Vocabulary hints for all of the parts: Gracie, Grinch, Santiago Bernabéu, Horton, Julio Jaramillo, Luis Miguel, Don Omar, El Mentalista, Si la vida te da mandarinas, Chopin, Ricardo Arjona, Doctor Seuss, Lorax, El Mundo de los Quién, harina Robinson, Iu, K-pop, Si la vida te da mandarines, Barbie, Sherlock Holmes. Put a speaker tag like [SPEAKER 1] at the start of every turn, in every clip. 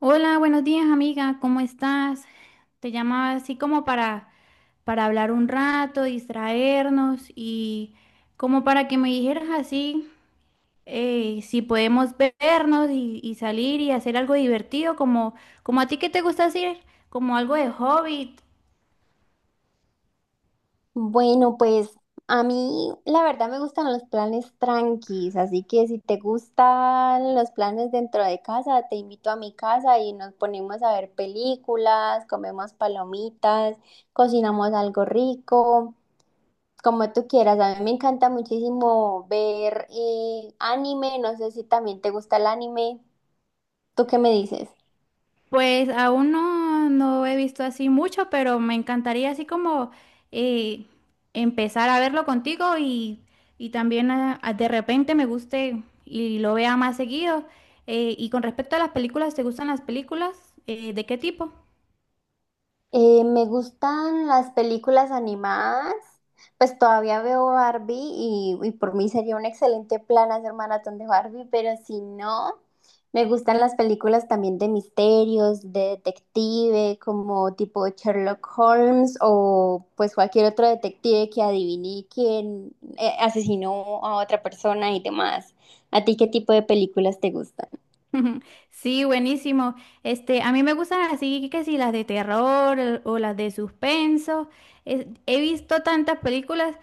[SPEAKER 1] Hola, buenos días, amiga, ¿cómo estás? Te llamaba así como para hablar un rato, distraernos y como para que me dijeras así si podemos vernos y salir y hacer algo divertido, como a ti que te gusta hacer, como algo de hobby.
[SPEAKER 2] Bueno, pues a mí la verdad me gustan los planes tranquis, así que si te gustan los planes dentro de casa, te invito a mi casa y nos ponemos a ver películas, comemos palomitas, cocinamos algo rico, como tú quieras. A mí me encanta muchísimo ver anime, no sé si también te gusta el anime. ¿Tú qué me dices?
[SPEAKER 1] Pues aún no he visto así mucho, pero me encantaría así como eh, empezar a verlo contigo y también de repente me guste y lo vea más seguido. Y con respecto a las películas, ¿te gustan las películas? ¿De qué tipo?
[SPEAKER 2] Me gustan las películas animadas, pues todavía veo Barbie y por mí sería un excelente plan hacer maratón de Barbie, pero si no, me gustan las películas también de misterios, de detective, como tipo Sherlock Holmes o pues cualquier otro detective que adivine quién asesinó a otra persona y demás. ¿A ti qué tipo de películas te gustan?
[SPEAKER 1] Sí, buenísimo. Este, a mí me gustan así que si las de terror o las de suspenso. He visto tantas películas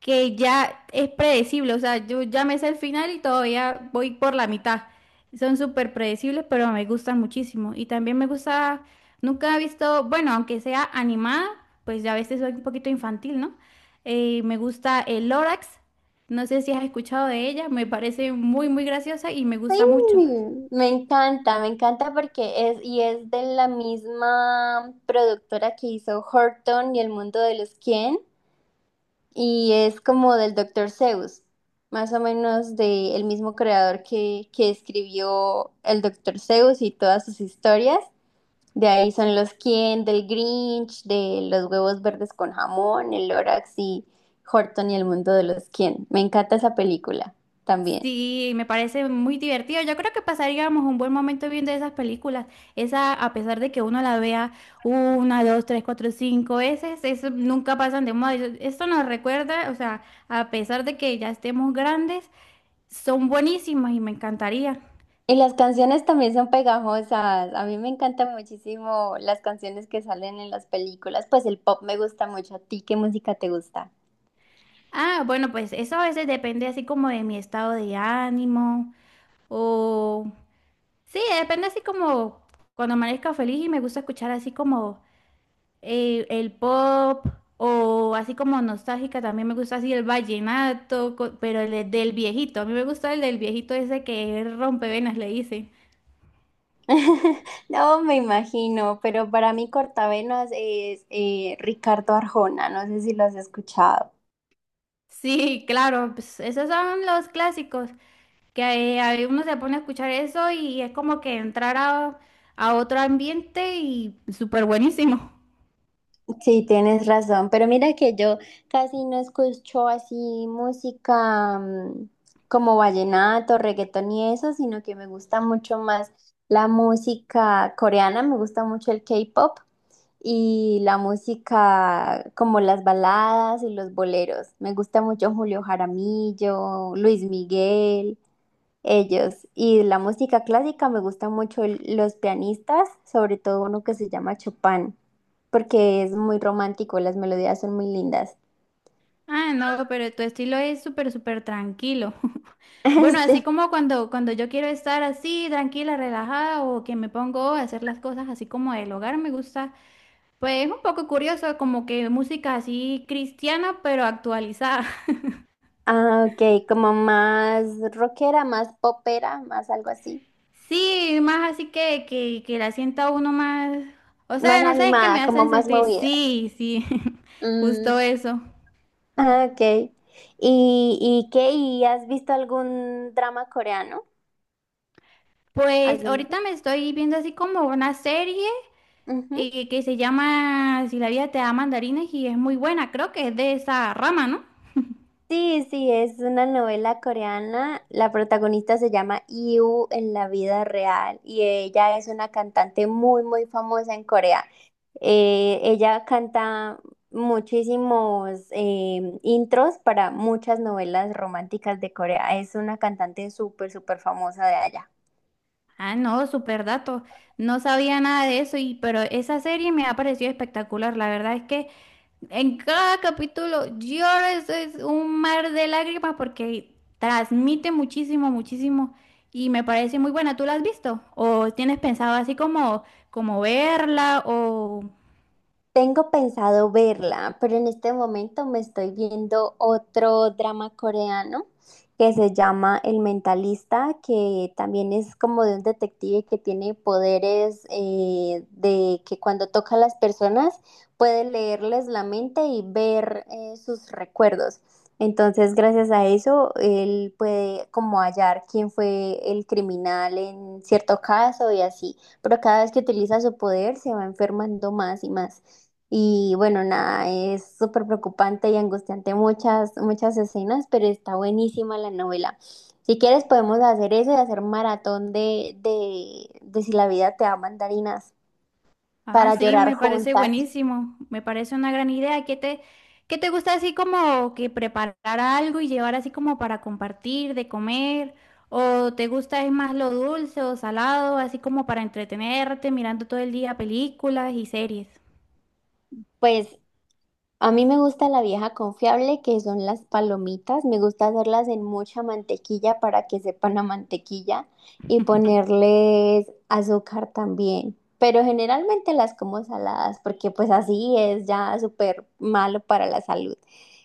[SPEAKER 1] que ya es predecible, o sea, yo ya me sé el final y todavía voy por la mitad. Son súper predecibles, pero me gustan muchísimo. Y también me gusta, nunca he visto, bueno, aunque sea animada, pues ya a veces soy un poquito infantil, ¿no? Me gusta el Lorax, no sé si has escuchado de ella, me parece muy, muy graciosa y me gusta mucho.
[SPEAKER 2] Sí, me encanta porque es y es de la misma productora que hizo Horton y El Mundo de los Quién y es como del Doctor Seuss, más o menos del mismo creador que escribió el Doctor Seuss y todas sus historias. De ahí son los Quién, del Grinch, de los huevos verdes con jamón, el Lorax y Horton y el mundo de los Quién. Me encanta esa película también.
[SPEAKER 1] Sí, me parece muy divertido. Yo creo que pasaríamos un buen momento viendo esas películas. Esa, a pesar de que uno la vea una, dos, tres, cuatro, cinco veces, eso nunca pasan de moda. Esto nos recuerda, o sea, a pesar de que ya estemos grandes, son buenísimas y me encantaría.
[SPEAKER 2] Y las canciones también son pegajosas. A mí me encantan muchísimo las canciones que salen en las películas. Pues el pop me gusta mucho. ¿A ti qué música te gusta?
[SPEAKER 1] Ah, bueno, pues eso a veces depende así como de mi estado de ánimo o... Sí, depende así como cuando amanezca feliz y me gusta escuchar así como el pop o así como nostálgica, también me gusta así el vallenato, pero del viejito, a mí me gusta el del viejito ese que rompevenas le dicen.
[SPEAKER 2] No, me imagino, pero para mí cortavenas es Ricardo Arjona. No sé si lo has escuchado.
[SPEAKER 1] Sí, claro, pues esos son los clásicos, que ahí uno se pone a escuchar eso y es como que entrar a otro ambiente y súper buenísimo.
[SPEAKER 2] Sí, tienes razón, pero mira que yo casi no escucho así música como vallenato, reggaetón y eso, sino que me gusta mucho más la música coreana, me gusta mucho el K-pop y la música como las baladas y los boleros. Me gusta mucho Julio Jaramillo, Luis Miguel. Ellos. Y la música clásica me gusta mucho los pianistas, sobre todo uno que se llama Chopin, porque es muy romántico, las melodías son muy lindas.
[SPEAKER 1] Ah, no, pero tu estilo es súper, súper tranquilo. Bueno,
[SPEAKER 2] Sí.
[SPEAKER 1] así como cuando yo quiero estar así, tranquila, relajada, o que me pongo a hacer las cosas así como del hogar, me gusta. Pues es un poco curioso, como que música así cristiana, pero actualizada.
[SPEAKER 2] Ah, ok, como más rockera, más popera, más algo así.
[SPEAKER 1] Sí, más así que la sienta uno más. O
[SPEAKER 2] Más
[SPEAKER 1] sea, no sé, es que me
[SPEAKER 2] animada, como
[SPEAKER 1] hacen
[SPEAKER 2] más
[SPEAKER 1] sentir.
[SPEAKER 2] movida.
[SPEAKER 1] Sí, sí,
[SPEAKER 2] Mm,
[SPEAKER 1] justo eso.
[SPEAKER 2] ok. ¿Y qué? ¿Y has visto algún drama coreano
[SPEAKER 1] Pues
[SPEAKER 2] alguna vez?
[SPEAKER 1] ahorita me estoy viendo así como una serie
[SPEAKER 2] Ujú.
[SPEAKER 1] que se llama Si la vida te da mandarines y es muy buena, creo que es de esa rama, ¿no?
[SPEAKER 2] Sí, sí, es una novela coreana. La protagonista se llama Iu en la vida real y ella es una cantante muy, muy famosa en Corea. Ella canta muchísimos intros para muchas novelas románticas de Corea. Es una cantante súper, súper famosa de allá.
[SPEAKER 1] Ah, no, super dato. No sabía nada de eso, pero esa serie me ha parecido espectacular. La verdad es que en cada capítulo lloro, eso es un mar de lágrimas porque transmite muchísimo, muchísimo y me parece muy buena. ¿Tú la has visto? ¿O tienes pensado así como, como verla? ¿O
[SPEAKER 2] Tengo pensado verla, pero en este momento me estoy viendo otro drama coreano que se llama El Mentalista, que también es como de un detective que tiene poderes de que cuando toca a las personas puede leerles la mente y ver sus recuerdos. Entonces, gracias a eso, él puede como hallar quién fue el criminal en cierto caso y así. Pero cada vez que utiliza su poder, se va enfermando más y más. Y bueno, nada, es súper preocupante y angustiante muchas, muchas escenas, pero está buenísima la novela. Si quieres podemos hacer eso y hacer maratón de Si la vida te da mandarinas
[SPEAKER 1] ah,
[SPEAKER 2] para
[SPEAKER 1] sí,
[SPEAKER 2] llorar
[SPEAKER 1] me parece
[SPEAKER 2] juntas.
[SPEAKER 1] buenísimo. Me parece una gran idea. Qué te gusta así como que preparar algo y llevar así como para compartir, de comer? ¿O te gusta es más lo dulce o salado, así como para entretenerte mirando todo el día películas y series?
[SPEAKER 2] Pues a mí me gusta la vieja confiable, que son las palomitas. Me gusta hacerlas en mucha mantequilla para que sepan a mantequilla y ponerles azúcar también. Pero generalmente las como saladas porque pues así es ya súper malo para la salud.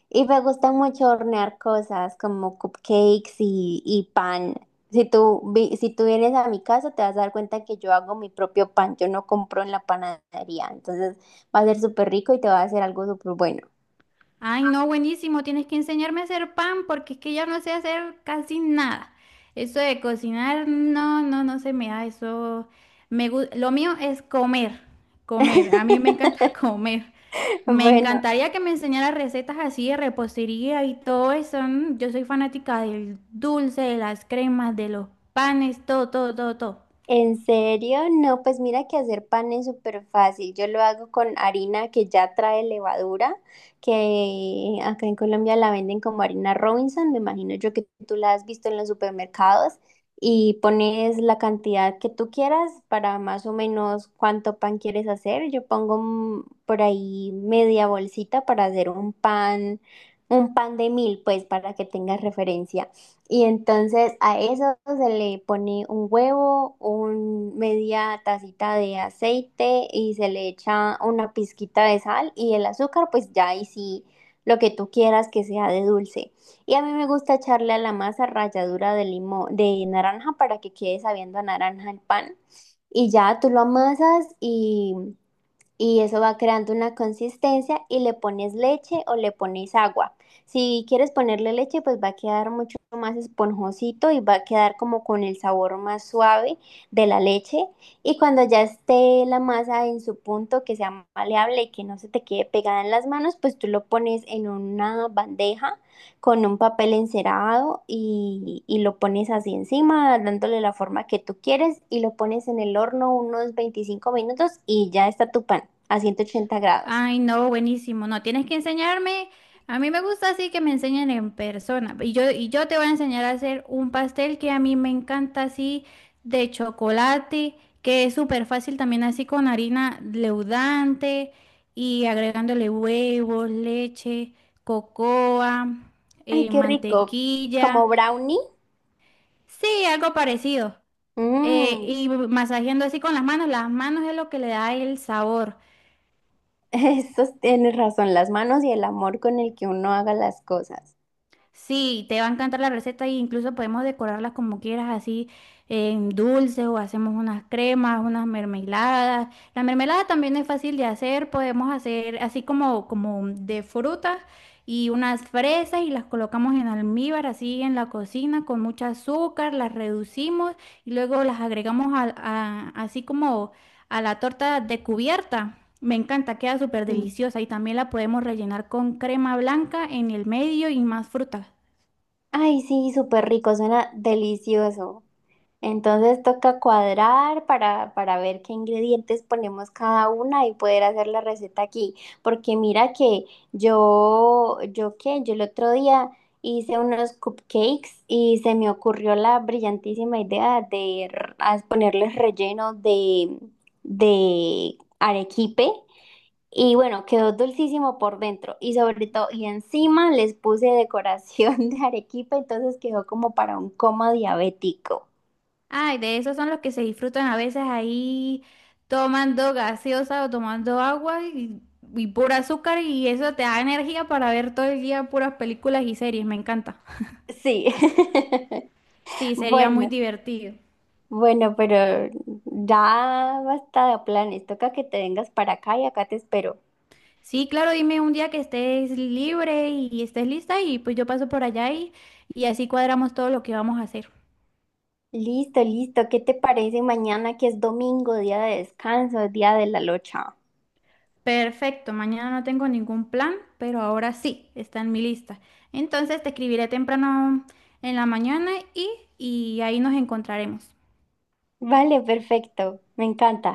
[SPEAKER 2] Y me gusta mucho hornear cosas como cupcakes y pan. Si tú, si tú vienes a mi casa te vas a dar cuenta que yo hago mi propio pan, yo no compro en la panadería. Entonces va a ser súper rico y te va a hacer algo súper bueno.
[SPEAKER 1] Ay, no, buenísimo. Tienes que enseñarme a hacer pan porque es que ya no sé hacer casi nada. Eso de cocinar, no se me da. Eso lo mío es comer. A mí me encanta comer. Me
[SPEAKER 2] Bueno,
[SPEAKER 1] encantaría que me enseñara recetas así de repostería y todo eso. Yo soy fanática del dulce, de las cremas, de los panes, todo.
[SPEAKER 2] ¿en serio? No, pues mira que hacer pan es súper fácil. Yo lo hago con harina que ya trae levadura, que acá en Colombia la venden como harina Robinson, me imagino yo que tú la has visto en los supermercados, y pones la cantidad que tú quieras para más o menos cuánto pan quieres hacer. Yo pongo por ahí media bolsita para hacer un pan de mil, pues para que tengas referencia. Y entonces a eso se le pone un huevo, un media tacita de aceite y se le echa una pizquita de sal y el azúcar, pues ya ahí sí lo que tú quieras que sea de dulce. Y a mí me gusta echarle a la masa ralladura de limón, de naranja para que quede sabiendo a naranja el pan. Y ya tú lo amasas y eso va creando una consistencia y le pones leche o le pones agua. Si quieres ponerle leche, pues va a quedar mucho más esponjosito y va a quedar como con el sabor más suave de la leche. Y cuando ya esté la masa en su punto, que sea maleable y que no se te quede pegada en las manos, pues tú lo pones en una bandeja con un papel encerado y lo pones así encima, dándole la forma que tú quieres y lo pones en el horno unos 25 minutos y ya está tu pan a 180 grados.
[SPEAKER 1] Ay, no, buenísimo. No, tienes que enseñarme. A mí me gusta así que me enseñen en persona. Y yo te voy a enseñar a hacer un pastel que a mí me encanta así de chocolate, que es súper fácil también así con harina leudante y agregándole huevos, leche, cocoa,
[SPEAKER 2] Ay, qué rico. Como
[SPEAKER 1] mantequilla.
[SPEAKER 2] brownie.
[SPEAKER 1] Sí, algo parecido.
[SPEAKER 2] Mm,
[SPEAKER 1] Y masajeando así con las manos. Las manos es lo que le da el sabor.
[SPEAKER 2] Eso tienes razón, las manos y el amor con el que uno haga las cosas.
[SPEAKER 1] Sí, te va a encantar la receta e incluso podemos decorarlas como quieras, así en dulces o hacemos unas cremas, unas mermeladas. La mermelada también es fácil de hacer, podemos hacer así como de frutas y unas fresas y las colocamos en almíbar, así en la cocina con mucho azúcar, las reducimos y luego las agregamos así como a la torta de cubierta. Me encanta, queda súper deliciosa y también la podemos rellenar con crema blanca en el medio y más frutas.
[SPEAKER 2] Ay, sí, súper rico, suena delicioso. Entonces toca cuadrar para ver qué ingredientes ponemos cada una y poder hacer la receta aquí. Porque mira que yo el otro día hice unos cupcakes y se me ocurrió la brillantísima idea de ponerles relleno de arequipe. Y bueno, quedó dulcísimo por dentro y sobre todo, y encima les puse decoración de arequipa, entonces quedó como para un coma diabético.
[SPEAKER 1] Ay, de esos son los que se disfrutan a veces ahí tomando gaseosa o tomando agua y pura azúcar y eso te da energía para ver todo el día puras películas y series, me encanta.
[SPEAKER 2] Sí.
[SPEAKER 1] Sí, sería muy
[SPEAKER 2] Bueno,
[SPEAKER 1] divertido.
[SPEAKER 2] bueno, pero ya basta de planes, toca que te vengas para acá y acá te espero.
[SPEAKER 1] Sí, claro, dime un día que estés libre y estés lista y pues yo paso por allá y así cuadramos todo lo que vamos a hacer.
[SPEAKER 2] Listo, listo, ¿qué te parece mañana que es domingo, día de descanso, día de la locha?
[SPEAKER 1] Perfecto, mañana no tengo ningún plan, pero ahora sí, está en mi lista. Entonces te escribiré temprano en la mañana y ahí nos encontraremos.
[SPEAKER 2] Vale, perfecto, me encanta.